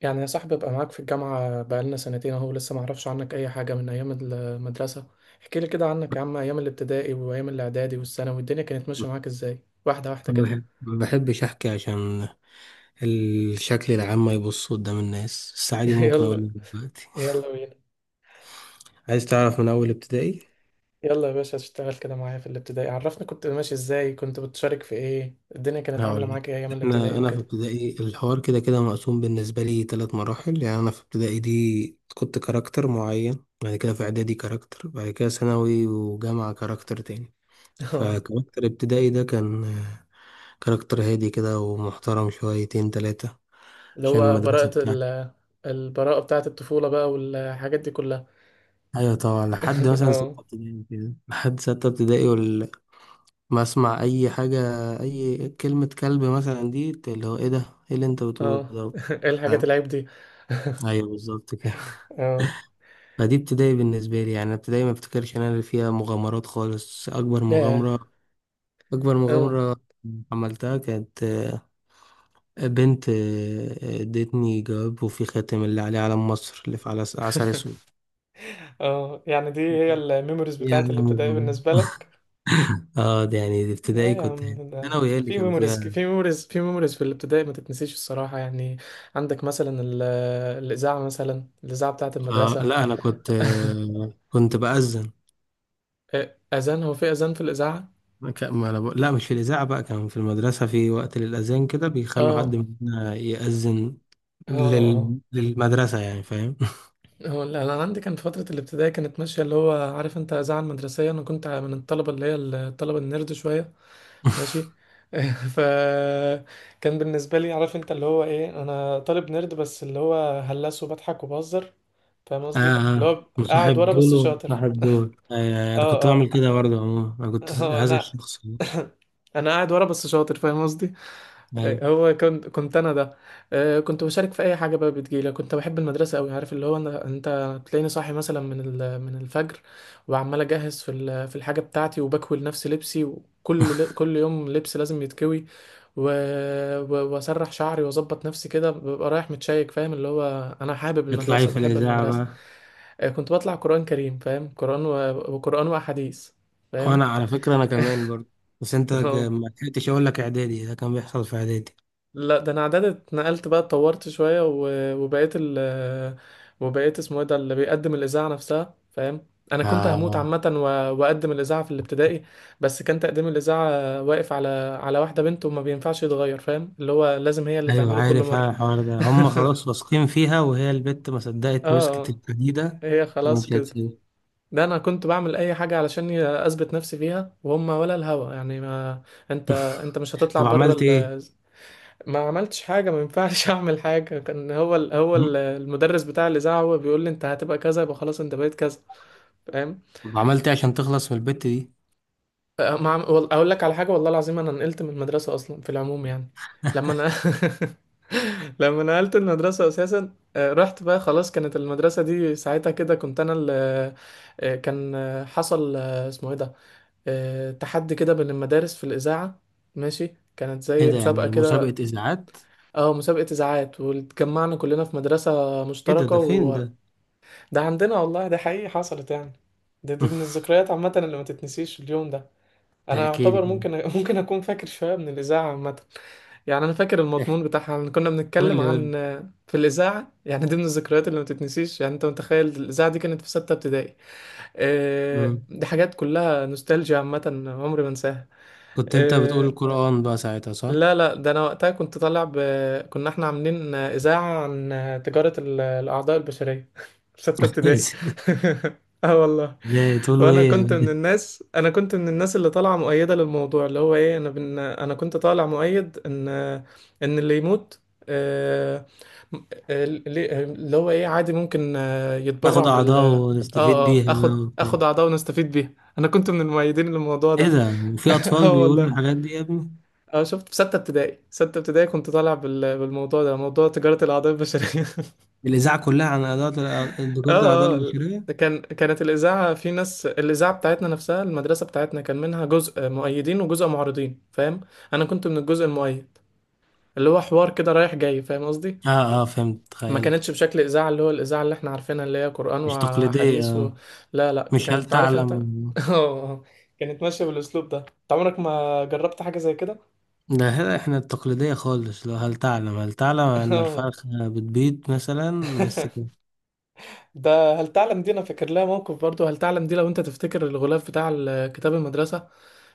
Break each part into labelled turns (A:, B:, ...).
A: يعني يا صاحبي، ابقى معاك في الجامعة بقالنا سنتين اهو لسه ما اعرفش عنك اي حاجة من ايام المدرسة. احكي لي كده عنك يا عم، ايام الابتدائي وايام الاعدادي والثانوي الدنيا كانت ماشية معاك ازاي؟ واحدة واحدة
B: ما
A: كده.
B: بحب- ما بحبش احكي عشان الشكل العام ما يبص قدام الناس، بس عادي ممكن اقول
A: يلا.
B: لك دلوقتي.
A: يلا بينا.
B: عايز تعرف من اول ابتدائي؟
A: يلا يا باشا، اشتغل كده معايا في الابتدائي، عرفني كنت ماشي ازاي، كنت بتشارك في ايه، الدنيا كانت عاملة
B: هقول لك.
A: معاك ايه ايام الابتدائي
B: انا في
A: وكده.
B: ابتدائي الحوار كده كده مقسوم بالنسبه لي ثلاث مراحل. يعني انا في ابتدائي دي كنت كاركتر معين، بعد كده في اعدادي كاركتر، بعد كده ثانوي وجامعه كاركتر تاني.
A: اه.
B: فكاركتر ابتدائي ده كان كاركتر هادي كده ومحترم شويتين تلاتة،
A: اللي
B: عشان
A: هو براءة
B: المدرسة.
A: ال- البراءة بتاعة الطفولة بقى والحاجات دي كلها.
B: ايوه طبعا، لحد مثلا ستة
A: اه،
B: ابتدائي كده، لحد ستة ابتدائي ولا ما اسمع اي حاجة. اي كلمة كلب مثلا دي اللي هو ايه ده، ايه اللي انت بتقوله
A: اه.
B: ده؟
A: ايه الحاجات
B: فاهم؟
A: العيب دي؟
B: ايوه بالظبط كده.
A: اه.
B: فدي ابتدائي بالنسبة لي، يعني ابتدائي ما افتكرش انا اللي فيها مغامرات خالص. اكبر
A: ياه.
B: مغامرة، اكبر
A: اه،
B: مغامرة عملتها كانت بنت ادتني جواب وفي خاتم اللي عليه علم مصر اللي في عسل اسود.
A: اه، يعني دي هي الميموريز
B: يعني
A: بتاعت الابتدائي
B: مغامرة.
A: بالنسبة لك؟
B: اه، ده يعني دي
A: لا
B: ابتدائي
A: يا
B: كنت.
A: عم، ده
B: ثانوي هي اللي
A: في
B: كان
A: ميموريز
B: فيها.
A: في ميموريز في ميموريز في الابتدائي ما تتنسيش الصراحة يعني. عندك مثلا ال- الإذاعة مثلا، الإذاعة بتاعت المدرسة.
B: لا، انا كنت كنت باذن.
A: إيه، أذان هو في أذان في الإذاعة؟
B: ك- ما أنا بقول- لا، مش في الاذاعه بقى، كان في المدرسه في وقت للاذان كده بيخلوا حد
A: اه،
B: مننا ياذن
A: اه، اه.
B: للمدرسه، يعني فاهم.
A: هو لا، انا عندي كان في فتره الابتدائي كانت ماشيه، اللي هو عارف انت اذاعه المدرسيه، انا كنت من الطلبه اللي هي الطلبه النيرد شويه. ماشي. فكان بالنسبة لي عارف انت اللي هو ايه، انا طالب نيرد بس اللي هو هلس وبضحك وبهزر. فاهم
B: اه،
A: قصدي. اللي هو قاعد
B: مصاحب
A: ورا بس
B: دول
A: شاطر.
B: ومصاحب دول. انا
A: اه،
B: كنت بعمل
A: اه.
B: كده برضه. عموما انا كنت هذا
A: انا.
B: الشخص ده.
A: انا قاعد ورا بس شاطر، فاهم قصدي.
B: ايوه،
A: إيه، هو كنت انا ده. كنت بشارك في اي حاجه بقى بتجيلي، كنت بحب المدرسه قوي، عارف اللي هو انا، انت تلاقيني صاحي مثلا من الفجر، وعمال اجهز في الحاجه بتاعتي، وبكوي لنفسي لبسي، وكل كل يوم لبس لازم يتكوي، و... و- واسرح شعري واظبط نفسي كده، ببقى رايح متشيك، فاهم اللي هو انا حابب
B: اطلعي
A: المدرسه
B: في
A: وبحب
B: الاذاعه
A: المدرسه.
B: بقى.
A: كنت بطلع قران كريم فاهم، قران و... وقران واحاديث. فاهم.
B: وانا على فكره انا كمان برضه، بس انت ك-
A: اه.
B: ما لحقتش اقول لك، اعدادي ده كان بيحصل في اعدادي.
A: لا ده انا اعداد اتنقلت بقى، اتطورت شويه و- وبقيت ال- وبقيت اسمه ايه ده اللي بيقدم الاذاعه نفسها، فاهم. انا كنت هموت
B: آه
A: عامه و- واقدم الاذاعه في الابتدائي. بس كان تقديم الاذاعه واقف على واحده بنت، وما بينفعش يتغير، فاهم اللي هو لازم هي اللي
B: ايوه،
A: تعمله كل
B: عارف
A: مره.
B: انا الحوار ده هم خلاص واثقين فيها وهي البت ما صدقت
A: اه،
B: مسكت
A: اه.
B: الحديده
A: هي خلاص
B: ومشيت،
A: كده.
B: هتسيب؟
A: ده انا كنت بعمل اي حاجه علشان اثبت نفسي فيها، وهم ولا الهوا يعني، ما انت انت مش هتطلع
B: طب
A: بره.
B: عملت ايه؟
A: ما عملتش حاجة، ما ينفعش أعمل حاجة، كان
B: م؟
A: المدرس بتاع الإذاعة هو بيقول لي أنت هتبقى كذا، يبقى خلاص أنت بقيت كذا. فاهم.
B: طب عملت ايه عشان تخلص من البت دي؟
A: ما عم... وال- أقول لك على حاجة والله العظيم، أنا نقلت من المدرسة أصلا في العموم يعني. لما أنا لما نقلت المدرسة أساسا، رحت بقى خلاص، كانت المدرسة دي ساعتها كده كنت أنا ال... آه، كان آه، حصل آه، اسمه إيه ده، تحدي كده بين المدارس في الإذاعة. ماشي. كانت
B: ايه
A: زي
B: ده،
A: مسابقة
B: يعني
A: كده.
B: مسابقه اذاعات؟
A: اه، مسابقة إذاعات، واتجمعنا كلنا في مدرسة
B: ايه ده،
A: مشتركة
B: ده فين
A: وده
B: ده؟
A: عندنا، والله ده حقيقي حصلت يعني. دي من الذكريات عامة اللي ما تتنسيش اليوم ده. أنا
B: احكي
A: يعتبر
B: لي.
A: ممكن ممكن أكون فاكر شوية من الإذاعة عامة. يعني أنا فاكر
B: احكي،
A: المضمون بتاعها إن كنا
B: قول
A: بنتكلم
B: لي قول لي.
A: عن، في الإذاعة يعني، دي من الذكريات اللي ما تتنسيش يعني، أنت متخيل الإذاعة دي كانت في ستة ابتدائي.
B: مم.
A: دي حاجات كلها نوستالجيا عامة. عمري ما أنساها.
B: كنت انت بتقول
A: آه،
B: القران بقى ساعتها، صح؟
A: لا، لا ده انا وقتها كنت طالع ب... كنا احنا عاملين اذاعه عن تجاره الاعضاء البشريه في سته ابتدائي. اه والله.
B: ازاي، تقولوا
A: وانا
B: ايه؟
A: كنت من الناس، اللي طالعه مؤيده للموضوع، اللي هو ايه، انا كنت طالع مؤيد ان اللي يموت، آه، اللي هو ايه عادي ممكن
B: ناخد
A: يتبرع بال
B: اعضاء ونستفيد
A: اه
B: بيها
A: اخد
B: بقى وبتاع.
A: اخد اعضاء ونستفيد بيها. انا كنت من المؤيدين للموضوع
B: ايه
A: ده.
B: ده؟ وفي اطفال
A: اه
B: بيقولوا
A: والله.
B: الحاجات دي يا ابني؟
A: اه، شفت في ستة ابتدائي، ستة ابتدائي كنت طالع بالموضوع ده، موضوع تجارة الأعضاء البشرية.
B: الاذاعه كلها عن اعضاء، دكاره الاعضاء
A: اه، اه.
B: البشريه.
A: كانت الإذاعة في ناس، الإذاعة بتاعتنا نفسها المدرسة بتاعتنا كان منها جزء مؤيدين وجزء معارضين، فاهم. أنا كنت من الجزء المؤيد، اللي هو حوار كده رايح جاي، فاهم قصدي.
B: اه اه، فهمت
A: ما كانتش
B: تخيلت.
A: بشكل إذاعة اللي هو الإذاعة اللي احنا عارفينها اللي هي قرآن
B: مش تقليدية
A: وأحاديث و...
B: آه.
A: لا، لا
B: مش هل
A: كانت عارف انت
B: تعلم.
A: اه. آه. كانت ماشية بالأسلوب ده، انت عمرك ما جربت حاجة زي كده.
B: ده هنا احنا التقليدية خالص، لو هل تعلم هل تعلم ان
A: اه.
B: الفرخة بتبيض مثلا، بس كده.
A: ده هل تعلم دي انا فاكر لها موقف، برضو هل تعلم دي لو انت تفتكر الغلاف بتاع كتاب المدرسة،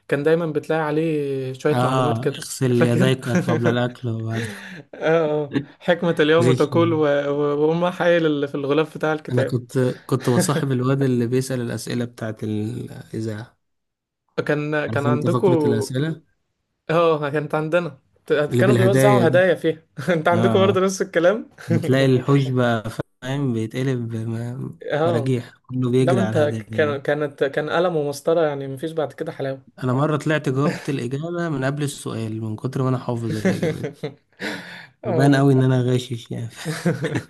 A: كان دايما بتلاقي عليه شوية معلومات
B: اه،
A: كده.
B: اغسل
A: فاكر؟
B: يديك قبل الاكل وبعد.
A: اه. حكمة اليوم
B: زي كده.
A: تقول و- و- وأم حايل اللي في الغلاف بتاع
B: انا
A: الكتاب.
B: كنت كنت بصاحب الواد اللي بيسأل الأسئلة بتاعت الإذاعة.
A: كان
B: عارف انت فقرة
A: عندكم،
B: الأسئلة،
A: اه كانت عندنا،
B: اللي
A: كانوا
B: بالهدايا
A: بيوزعوا
B: دي.
A: هدايا فيها. انت
B: اه
A: عندكم
B: آه.
A: برضه نفس الكلام.
B: بتلاقي الحوش بقى فاهم بيتقلب
A: اه.
B: مراجيح، كله
A: لا ما
B: بيجري
A: انت،
B: على الهدايا.
A: كان قلم ومسطرة يعني، مفيش بعد كده حلاوة.
B: انا مره طلعت جاوبت الاجابه من قبل السؤال من كتر ما انا حافظ الاجابات، فبان
A: اه.
B: قوي ان انا غاشش يعني.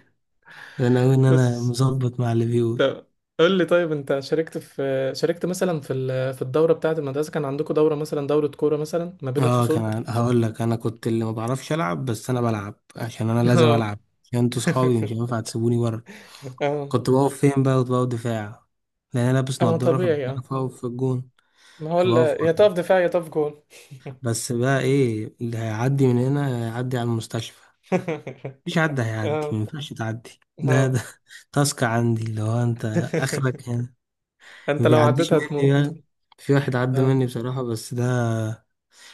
B: باين قوي ان انا
A: بس،
B: مظبط مع اللي بيقول.
A: طب، قول لي طيب انت شاركت في، شاركت مثلا في الدوره بتاعه المدرسه؟ كان عندكم دوره مثلا، دوره كوره مثلا ما بين
B: اه
A: الفصول؟
B: كمان هقول لك، انا كنت اللي ما بعرفش العب، بس انا بلعب عشان انا لازم
A: اه.
B: العب عشان انتوا صحابي مش هينفع تسيبوني بره.
A: اه.
B: كنت بقف فين بقى؟ كنت بقف دفاع، لان انا لابس
A: اما
B: نضاره فمش
A: طبيعي، اه.
B: عارف اقف في الجون.
A: ما هو
B: فبقف
A: يا
B: بره.
A: تقف دفاع يا تقف جول.
B: بس بقى ايه اللي هيعدي من هنا؟ هيعدي على المستشفى. مفيش حد هيعدي، ما
A: اه،
B: ينفعش تعدي، ده
A: اه.
B: ده تاسك عندي اللي هو انت، اخرك يعني. ما
A: انت لو
B: بيعديش
A: عديتها
B: مني
A: هتموت.
B: بقى. في واحد عدى
A: اه.
B: مني بصراحة، بس ده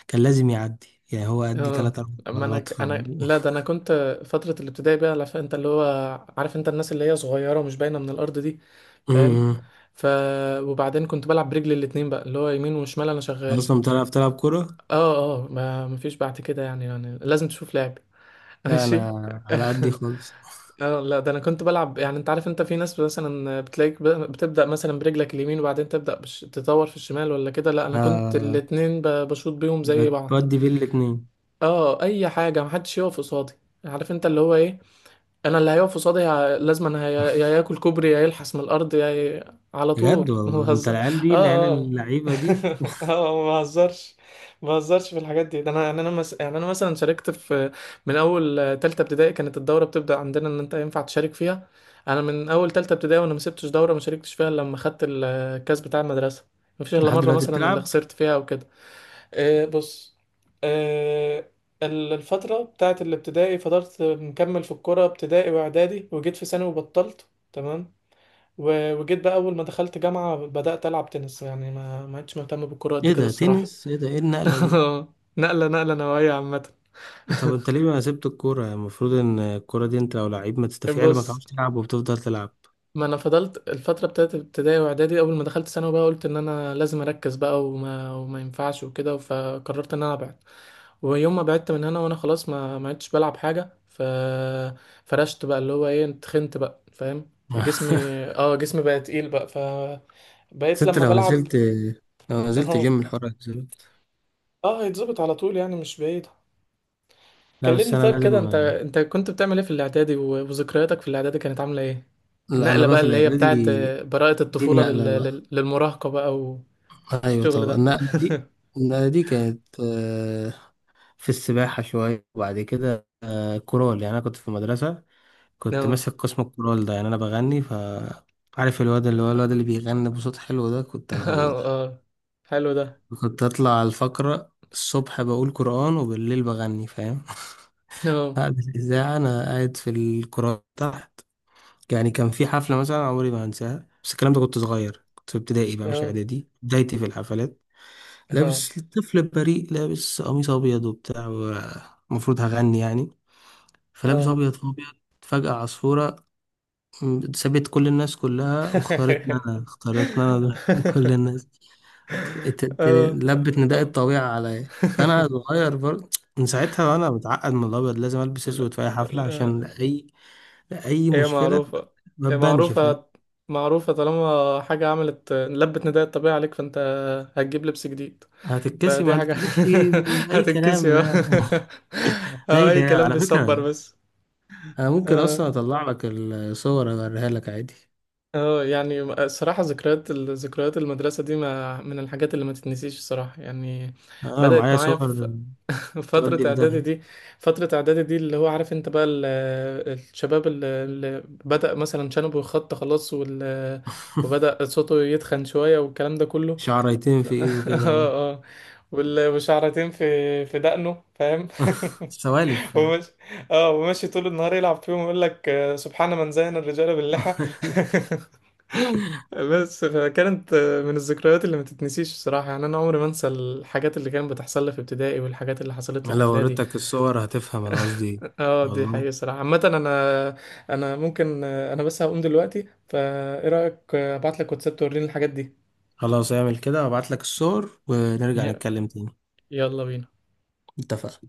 B: كان لازم يعدي يعني، هو عدي
A: اه،
B: تلات أربع
A: اما
B: مرات ف
A: انا لا، ده انا كنت، فتره الابتدائي بقى عارف انت اللي هو، عارف انت الناس اللي هي صغيره ومش باينه من الارض دي، فاهم.
B: أمم.
A: ف... وبعدين كنت بلعب برجلي الاتنين بقى، اللي هو يمين وشمال انا شغال.
B: أصلا بتعرف تلعب كورة؟
A: اه. اه، ما مفيش بعد كده يعني لازم تشوف لعب.
B: لا
A: ماشي.
B: أنا على قدي خالص.
A: اه، لا ده انا كنت بلعب يعني، انت عارف انت في ناس مثلا بتلاقيك بتبدا مثلا برجلك اليمين، وبعدين تبدا تطور في الشمال ولا كده، لا انا كنت
B: آه،
A: الاتنين بشوط بيهم زي بعض.
B: بتودي بين الاتنين.
A: اه، اي حاجه، محدش يقف قصادي، عارف انت اللي هو ايه، انا اللي هيقف قصادي لازم انا يا ياكل كوبري، يا يلحس من الارض، يا ي... على
B: بجد
A: طول. ما
B: والله، أنت
A: بهزر.
B: العيال دي العيال
A: اه، اه.
B: اللعيبة دي.
A: اه، ما بهزرش. ما بهزرش في الحاجات دي، ده انا يعني، يعني انا مثلا شاركت في، من اول تالتة ابتدائي كانت الدوره بتبدا عندنا ان انت ينفع تشارك فيها. انا من اول تالتة ابتدائي وانا ما سبتش دوره ما شاركتش فيها إلا لما خدت الكاس بتاع المدرسه. ما فيش الا
B: لحد
A: مره
B: دلوقتي
A: مثلا اللي
B: بتلعب؟
A: خسرت فيها او كده. بص. آه. الفترة بتاعت الابتدائي فضلت مكمل في الكورة ابتدائي وإعدادي، وجيت في ثانوي وبطلت تمام. و- وجيت بقى أول ما دخلت جامعة بدأت ألعب تنس، يعني ما عدتش مهتم بالكورة قد
B: إيه
A: كده
B: ده
A: الصراحة.
B: تنس؟ إيه ده، إيه النقلة دي؟
A: نقلة، نقلة نوعية عامة.
B: طب انت ليه ما سبت الكورة؟ المفروض ان الكورة دي انت لو لعيب ما تستفيع ما
A: بص،
B: تعرفش تلعب وبتفضل تلعب.
A: ما أنا فضلت الفترة بتاعت ابتدائي وإعدادي، أول ما دخلت ثانوي بقى قلت إن أنا لازم أركز بقى، وما ينفعش وكده، فقررت إن أنا أبعد. ويوم ما بعدت من هنا وانا خلاص ما عدتش بلعب حاجه. ف... فرشت بقى اللي هو ايه، اتخنت بقى فاهم، جسمي اه جسمي بقى تقيل بقى. ف...
B: بس
A: بقيت
B: انت
A: لما
B: لو
A: بلعب.
B: نزلت، لو نزلت
A: اه.
B: جيم الحوار هيتظبط.
A: اه، يتظبط على طول يعني، مش بعيد.
B: لا بس
A: كلمني
B: انا
A: طيب
B: لازم.
A: كده، انت كنت بتعمل ايه في الاعدادي، و- وذكرياتك في الاعدادي كانت عامله ايه؟
B: لا انا
A: النقله
B: بقى
A: بقى
B: في
A: اللي هي بتاعت
B: الاعدادي،
A: براءه
B: دي
A: الطفوله
B: النقلة بقى.
A: للمراهقه بقى،
B: ايوه
A: والشغل
B: طبعا،
A: ده.
B: النقلة دي، النقلة دي كانت في السباحة شوية، وبعد كده كورال. يعني انا كنت في مدرسة كنت
A: اه.
B: ماسك قسم الكورال ده، يعني انا بغني ف عارف الواد اللي هو الواد اللي بيغني بصوت حلو ده، كنت انا هو
A: اه،
B: ده.
A: اه. حلو ده.
B: كنت اطلع على الفقرة الصبح بقول قرآن وبالليل بغني، فاهم.
A: اه،
B: بعد الإذاعة أنا قاعد في القرآن تحت. يعني كان في حفلة مثلا عمري ما هنساها، بس الكلام ده كنت صغير، كنت في ابتدائي بقى مش
A: اه،
B: إعدادي بدايتي في الحفلات.
A: اه،
B: لابس طفل بريء، لابس قميص أبيض وبتاع، المفروض هغني يعني، فلابس
A: اه.
B: أبيض في أبيض. فجأة عصفورة سابت كل الناس كلها واختارتنا أنا، اختارتنا أنا. كل الناس،
A: آه.
B: لبت نداء
A: أم-
B: الطويعة عليا، فأنا صغير برضه. من ساعتها وأنا متعقد من الأبيض، لازم ألبس
A: لا،
B: أسود في أي حفلة
A: لا.
B: عشان أي، أي
A: هي
B: مشكلة
A: معروفة.
B: ما
A: هي
B: تبانش فاهم.
A: معروفة، معروفة طالما حاجة عملت لبت نداء الطبيعة عليك فأنت هتجيب لبس جديد.
B: هتتكسي، ما
A: فدي حاجة.
B: قالت لي؟ أي كلام
A: هتتكسي، اه.
B: ده، ده أي
A: أي
B: كلام
A: كلام
B: على
A: بيصبر
B: فكرة.
A: بس.
B: أنا ممكن
A: اه.
B: أصلا أطلع لك الصور أوريها لك عادي.
A: يعني الصراحة، ذكريات ذكريات المدرسة دي ما من الحاجات اللي ما تتنسيش الصراحة يعني.
B: أنا
A: بدأت
B: معايا
A: معايا
B: صور،
A: في فترة
B: تودي في
A: إعدادي
B: داهية.
A: دي، فترة إعدادي دي اللي هو عارف أنت بقى ال- الشباب اللي بدأ مثلا شنبه يخط خلاص، وال... وبدأ صوته يتخن شوية والكلام ده كله.
B: شعريتين
A: ف...
B: في
A: اه،
B: إيده كده أهو.
A: اه. وشعرتين في دقنه، فاهم.
B: سوالف يعني.
A: وماشي. اه، وماشي طول النهار يلعب فيهم، يقول لك سبحان من زين الرجال باللحى. بس، فكانت من الذكريات اللي ما تتنسيش الصراحة يعني، أنا عمري ما أنسى الحاجات اللي كانت بتحصل لي في ابتدائي والحاجات اللي حصلت لي في
B: لو
A: إعدادي.
B: وريتك الصور هتفهم أنا قصدي إيه.
A: اه دي حقيقة
B: والله.
A: الصراحة عامة. انا، انا ممكن انا بس هقوم دلوقتي، فايه رأيك ابعت لك واتساب توريني الحاجات دي؟
B: خلاص اعمل كده وابعت لك الصور ونرجع نتكلم تاني.
A: يلا بينا.
B: اتفقنا.